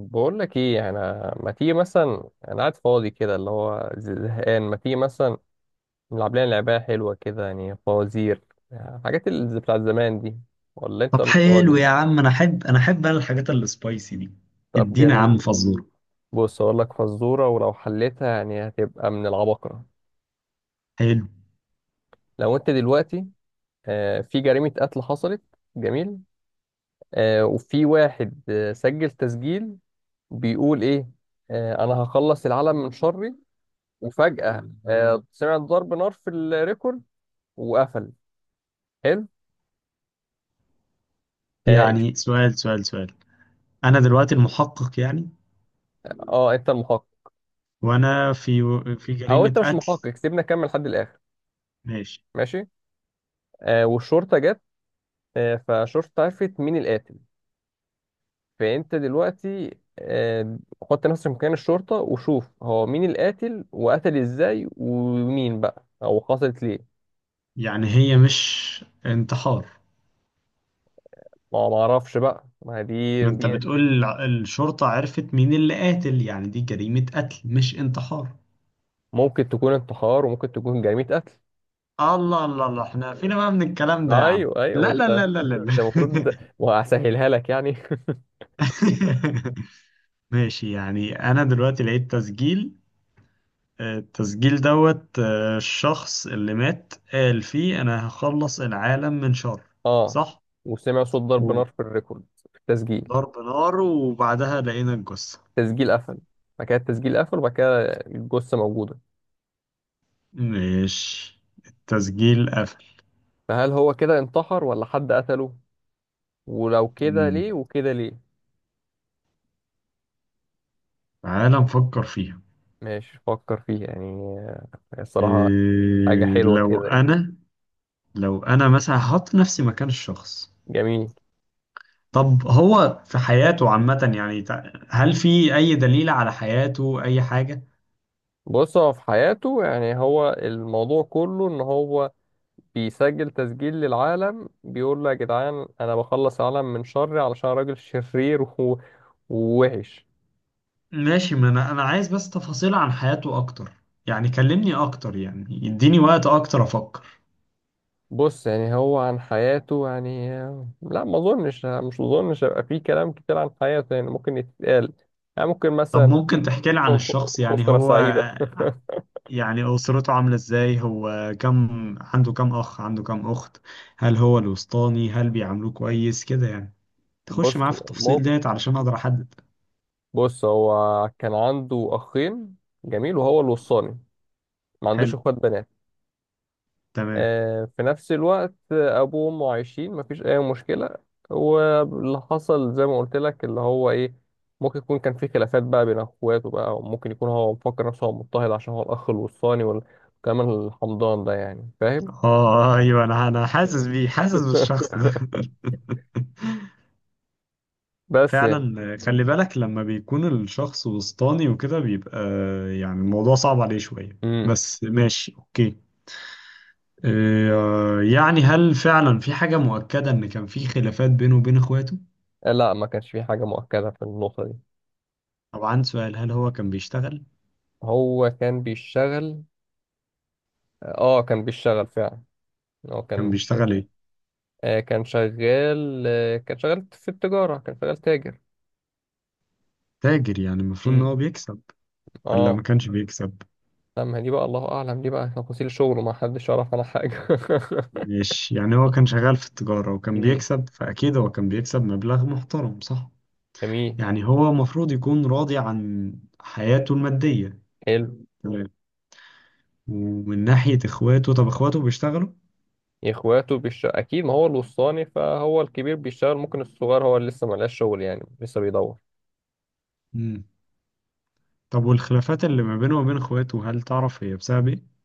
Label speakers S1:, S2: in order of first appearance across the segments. S1: بقول لك ايه، انا ما تيجي مثلا، انا قاعد فاضي كده اللي هو زهقان. ما تيجي مثلا نلعب لنا لعبه حلوه كده، يعني فوازير، يعني الحاجات اللي بتاعت زمان دي. ولا انت
S2: طب
S1: مش
S2: حلو
S1: فاضي؟
S2: يا عم، انا احب الحاجات السبايسي دي.
S1: طب
S2: ادينا يا
S1: جميل.
S2: عم فزوره.
S1: بص اقول لك فزوره، ولو حليتها يعني هتبقى من العباقره.
S2: حلو.
S1: لو انت دلوقتي في جريمه قتل حصلت. جميل. وفي واحد سجل تسجيل، بيقول ايه؟ انا هخلص العالم من شري. وفجاه سمعت ضرب نار في الريكورد وقفل. حلو. اه
S2: يعني سؤال. انا دلوقتي المحقق يعني.
S1: انت المحقق.
S2: وانا في في
S1: او
S2: جريمة
S1: انت مش
S2: قتل.
S1: المحقق، سيبنا نكمل لحد الاخر.
S2: ماشي.
S1: ماشي. والشرطه جت. فالشرطه عرفت مين القاتل. فانت دلوقتي حط نفسك مكان الشرطه وشوف هو مين القاتل، وقتل ازاي، ومين بقى او حصلت ليه.
S2: يعني هي مش انتحار؟
S1: ما اعرفش بقى، ما هي دي
S2: ما انت بتقول الشرطة عرفت مين اللي قاتل، يعني دي جريمة قتل مش انتحار.
S1: ممكن تكون انتحار وممكن تكون جريمه قتل.
S2: الله الله الله، احنا فينا بقى من الكلام ده يا عم.
S1: ايوه، ايوه، ما
S2: لا لا
S1: انت
S2: لا لا لا
S1: انت
S2: لا.
S1: المفروض، وهسهلها لك يعني.
S2: ماشي، يعني انا دلوقتي لقيت تسجيل، التسجيل دوت الشخص اللي مات قال فيه أنا هخلص العالم من شر،
S1: اه.
S2: صح؟
S1: وسمع صوت ضرب نار
S2: وضرب
S1: في الريكورد، في التسجيل.
S2: نار، وبعدها لقينا الجثة.
S1: تسجيل قفل. بعد كده التسجيل قفل، وبعد كده الجثة موجودة.
S2: ماشي، التسجيل قفل.
S1: فهل هو كده انتحر ولا حد قتله؟ ولو كده
S2: مم.
S1: ليه، وكده ليه؟
S2: تعالى نفكر فيها.
S1: ماشي، فكر فيها يعني. آه، الصراحة
S2: إيه،
S1: حاجة حلوة
S2: لو
S1: كده يعني.
S2: أنا، لو أنا مثلا هحط نفسي مكان الشخص.
S1: جميل.
S2: طب هو في حياته عامة يعني هل في أي دليل على حياته، أي حاجة؟
S1: بص، هو في حياته يعني، هو الموضوع كله ان هو بيسجل تسجيل للعالم بيقول له يا جدعان، انا بخلص العالم من شري علشان راجل شرير ووحش.
S2: ماشي، ما انا انا عايز بس تفاصيل عن حياته اكتر، يعني كلمني اكتر، يعني يديني وقت اكتر افكر.
S1: بص يعني هو عن حياته يعني، لا ما اظنش، مش اظنش هيبقى فيه كلام كتير عن حياته، يعني ممكن يتقال، يعني ممكن
S2: طب
S1: مثلا.
S2: ممكن تحكي لي عن الشخص؟ يعني
S1: أسرة
S2: هو،
S1: سعيدة.
S2: يعني اسرته عاملة ازاي، هو كم، عنده كم اخ، عنده كم اخت، هل هو الوسطاني، هل بيعاملوه كويس كده يعني. تخش
S1: بص
S2: معاه في
S1: مو
S2: التفاصيل ديت علشان اقدر احدد.
S1: بص هو كان عنده أخين. جميل، وهو الوصاني. ما عندوش
S2: حلو،
S1: إخوات بنات.
S2: تمام.
S1: في نفس الوقت ابوه وامه عايشين، مفيش اي مشكله. واللي حصل زي ما قلت لك اللي هو ايه، ممكن يكون كان في خلافات بقى بين اخواته بقى، وممكن يكون هو مفكر نفسه هو مضطهد عشان هو الاخ الوصاني وكمان الحمضان ده، يعني فاهم.
S2: اه ايوه، انا حاسس
S1: مم.
S2: بيه، حاسس بالشخص ده.
S1: بس يعني.
S2: فعلا خلي بالك، لما بيكون الشخص وسطاني وكده بيبقى يعني الموضوع صعب عليه شوية،
S1: امم
S2: بس ماشي اوكي. يعني هل فعلا في حاجة مؤكدة ان كان في خلافات بينه وبين اخواته؟
S1: لا ما كانش في حاجه مؤكده في النقطه دي.
S2: طبعا، سؤال، هل هو كان بيشتغل؟
S1: هو كان بيشتغل. اه كان بيشتغل فعلا. هو
S2: كان
S1: كان
S2: بيشتغل
S1: شغال.
S2: ايه؟
S1: كان شغال كان شغال في التجاره، كان شغال تاجر.
S2: تاجر، يعني المفروض ان
S1: امم.
S2: هو بيكسب ولا ما
S1: اه.
S2: كانش بيكسب؟
S1: لا، ما هي دي بقى الله اعلم، دي بقى تفاصيل شغله ما حدش يعرف عنها حاجه.
S2: مش يعني هو كان شغال في التجارة وكان
S1: امم
S2: بيكسب، فأكيد هو كان بيكسب مبلغ محترم، صح؟
S1: جميل.
S2: يعني هو المفروض يكون راضي عن حياته المادية.
S1: حلو.
S2: ومن ناحية اخواته، طب اخواته بيشتغلوا؟
S1: اخواته بيشتغل اكيد، ما هو الوسطاني، فهو الكبير بيشتغل، ممكن الصغير هو اللي لسه ملقاش شغل، يعني لسه بيدور.
S2: امم. طب والخلافات اللي ما بينه وبين اخواته، هل تعرف هي بسبب ايه؟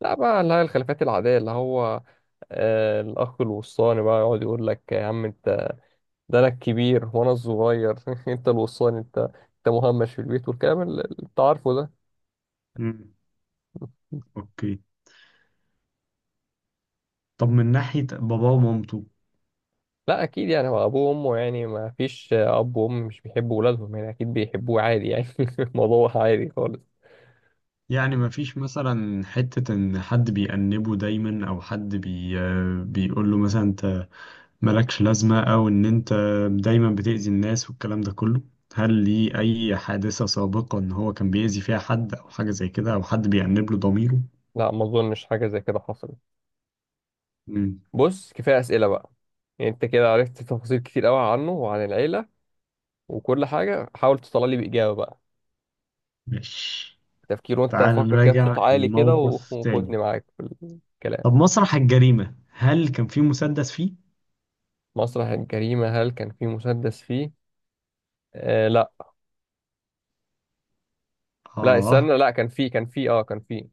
S1: لا بقى، اللي هي الخلافات العاديه، اللي هو الاخ الوسطاني بقى يقعد يقول لك يا عم، انت ده انا الكبير وانا الصغير، انت الوسطاني، انت مهمش في البيت، والكلام اللي انت عارفه ده.
S2: مم. اوكي. طب من ناحية باباه ومامته،
S1: لا اكيد يعني هو ابوه وامه يعني، ما فيش اب وام مش بيحبوا ولادهم، يعني اكيد بيحبوه عادي يعني. الموضوع عادي خالص.
S2: يعني ما فيش مثلا حتة ان حد بيأنبه دايما، او حد بيقول له مثلا انت مالكش لازمة، او ان انت دايما بتأذي الناس والكلام ده كله. هل ليه اي حادثة سابقة ان هو كان بيأذي فيها حد او حاجة زي كده، او حد بيأنب له ضميره؟
S1: لا، ما اظنش حاجه زي كده حصلت.
S2: مم.
S1: بص كفايه اسئله بقى، يعني انت كده عرفت تفاصيل كتير قوي عنه وعن العيله وكل حاجه. حاول تطلع لي باجابه بقى،
S2: ماشي،
S1: تفكير، وانت
S2: تعال
S1: فكر كده بصوت
S2: نراجع
S1: عالي كده
S2: الموقف تاني.
S1: وخدني معاك في الكلام.
S2: طب مسرح الجريمة، هل كان في مسدس فيه؟
S1: مسرح الجريمه، هل كان في مسدس فيه؟ آه لا. لا
S2: آه.
S1: استنى، لا كان فيه، كان فيه، اه كان فيه،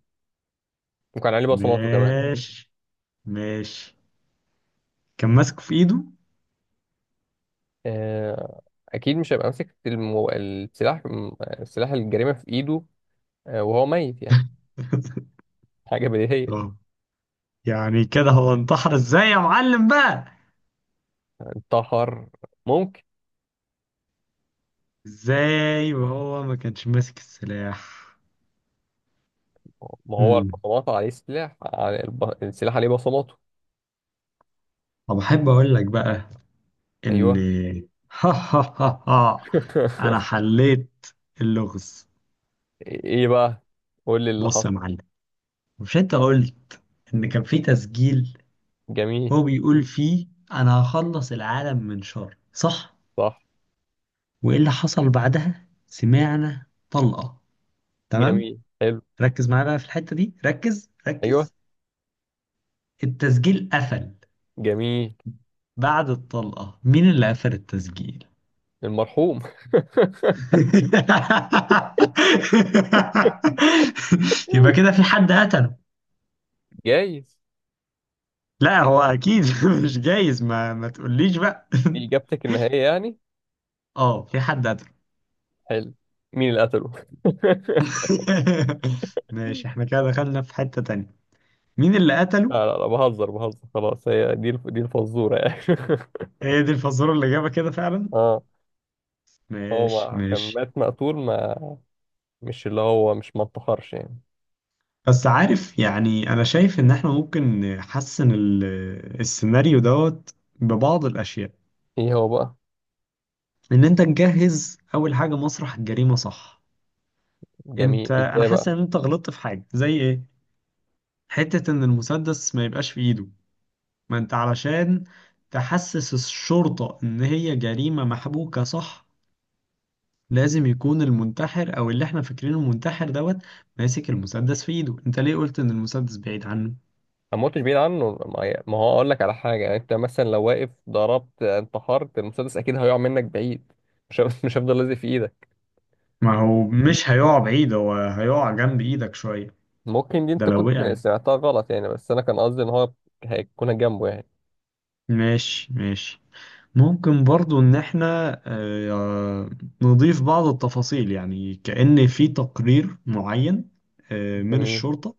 S1: وكان عليه بصماته كمان.
S2: ماشي ماشي. كان ماسكه في إيده؟
S1: آه، اكيد مش هيبقى ماسك السلاح. السلاح الجريمه في ايده وهو ميت يعني. حاجه بديهيه.
S2: آه. يعني كده هو انتحر إزاي يا معلم بقى؟
S1: انتحر، ممكن.
S2: إزاي وهو ما كانش ماسك السلاح؟
S1: ما هو
S2: مم.
S1: البصمات عليه سلاح، على السلاح عليه بصماته.
S2: طب أحب أقول لك بقى إن
S1: ايوه.
S2: ها ها ها ها، أنا حليت اللغز.
S1: ايه بقى؟ قول لي اللي
S2: بص يا
S1: حصل.
S2: معلم، مش أنت قلت إن كان في تسجيل،
S1: جميل.
S2: هو بيقول فيه أنا هخلص العالم من شر، صح؟
S1: صح.
S2: وإيه اللي حصل بعدها؟ سمعنا طلقة، تمام.
S1: جميل حلو.
S2: ركز معايا بقى في الحتة دي، ركز
S1: ايوه.
S2: ركز. التسجيل قفل
S1: جميل.
S2: بعد الطلقة، مين اللي قفل التسجيل؟
S1: المرحوم.
S2: يبقى كده في حد قتله.
S1: جايز.
S2: لا هو أكيد مش جايز، ما تقوليش بقى.
S1: دي اجابتك النهائيه يعني؟
S2: اه، في حد قتله.
S1: حلو. مين اللي قتله؟
S2: ماشي، احنا كده دخلنا في حتة تانية. مين اللي قتله؟
S1: لا، لا، لا، بهزر بهزر، خلاص، هي دي دي الفزورة يعني.
S2: هي دي الفزورة اللي جابها كده فعلا.
S1: اه. هو
S2: ماشي
S1: ما كان
S2: ماشي.
S1: مات مقتول، ما مش اللي هو، مش ما انتحرش يعني.
S2: بس عارف، يعني انا شايف ان احنا ممكن نحسن السيناريو دوت ببعض الاشياء.
S1: ايه هو بقى؟
S2: ان انت تجهز اول حاجة، مسرح الجريمة، صح؟ انت
S1: جميل،
S2: انا
S1: ازاي
S2: حاسس
S1: بقى؟
S2: ان انت غلطت في حاجة، زي ايه؟ حتة ان المسدس ما يبقاش في ايده. ما انت علشان تحسس الشرطة ان هي جريمة محبوكة صح، لازم يكون المنتحر او اللي احنا فاكرينه منتحر دوت ماسك المسدس في ايده. انت ليه قلت ان المسدس بعيد عنه؟
S1: ما موتش بعيد عنه، ما هو اقول لك على حاجة يعني، انت مثلا لو واقف ضربت انتحرت، المسدس اكيد هيقع منك بعيد، مش هف- مش هيفضل لازق في ايدك.
S2: ما هو مش هيقع بعيد، هو هيقع جنب ايدك شوية،
S1: ممكن دي
S2: ده
S1: انت
S2: لو وقع
S1: كنت
S2: يعني.
S1: سمعتها غلط يعني، بس انا كان قصدي ان هو هيكون جنبه يعني.
S2: ماشي ماشي. ممكن برضو ان احنا نضيف بعض التفاصيل، يعني كأن في تقرير معين من
S1: جميل.
S2: الشرطة،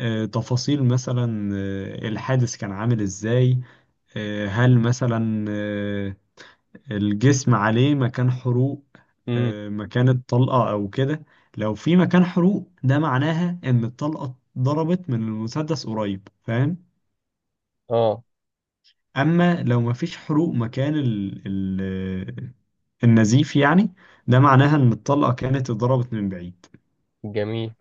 S2: تفاصيل مثلا الحادث كان عامل ازاي، هل مثلا الجسم عليه مكان حروق،
S1: امم
S2: مكان الطلقة أو كده. لو في مكان حروق، ده معناها إن الطلقة ضربت من المسدس قريب، فاهم؟
S1: اه.
S2: أما لو مفيش حروق مكان ال النزيف يعني، ده معناها إن الطلقة كانت اتضربت من بعيد.
S1: جميل.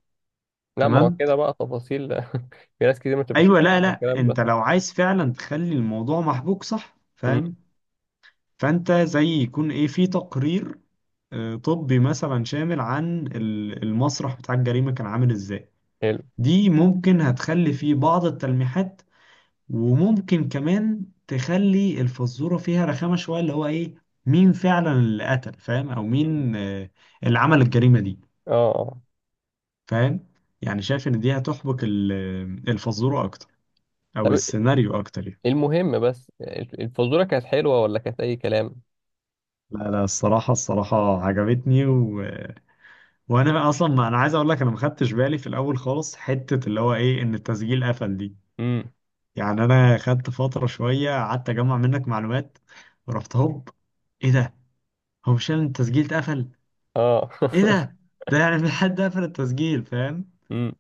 S1: لا، ما هو
S2: تمام.
S1: كده بقى تفاصيل، في ناس كتير مش
S2: أيوة، لا
S1: فاهمة
S2: لا،
S1: الكلام
S2: أنت
S1: ده.
S2: لو عايز فعلا تخلي الموضوع محبوك صح،
S1: مم.
S2: فاهم؟ فأنت زي يكون إيه، في تقرير طبي مثلا شامل عن المسرح بتاع الجريمة كان عامل إزاي.
S1: حلو.
S2: دي ممكن هتخلي فيه بعض التلميحات، وممكن كمان تخلي الفزورة فيها رخامة شوية، اللي هو ايه، مين فعلا اللي قتل، فاهم؟ او
S1: مم.
S2: مين اللي عمل الجريمة دي،
S1: اه.
S2: فاهم؟ يعني شايف ان دي هتحبك الفزورة اكتر، او
S1: طب
S2: السيناريو اكتر يعني.
S1: المهم بس، الفزورة كانت حلوة ولا كانت أي كلام؟
S2: لا لا، الصراحة الصراحة عجبتني. و... وأنا أصلا، ما أنا عايز أقول لك، أنا ما خدتش بالي في الأول خالص حتة اللي هو إيه، إن التسجيل قفل دي.
S1: امم.
S2: يعني انا خدت فتره شويه قعدت اجمع منك معلومات، ورحت هوب، ايه ده، هو مش يعني التسجيل اتقفل،
S1: اه.
S2: ايه ده، ده يعني في حد قفل التسجيل، فاهم؟
S1: امم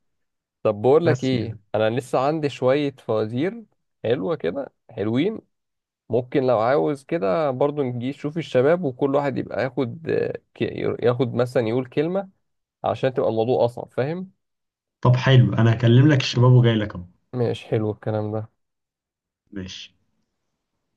S1: طب بقول لك
S2: بس
S1: ايه،
S2: يعني.
S1: انا لسه عندي شوية فوازير حلوة كده، حلوين. ممكن لو عاوز كده برضو نجي نشوف الشباب، وكل واحد يبقى ياخد ياخد مثلا يقول كلمة، عشان تبقى الموضوع أصعب، فاهم؟
S2: طب حلو، انا هكلم لك الشباب وجاي لك اهو.
S1: ماشي، حلو الكلام ده.
S2: ماشي.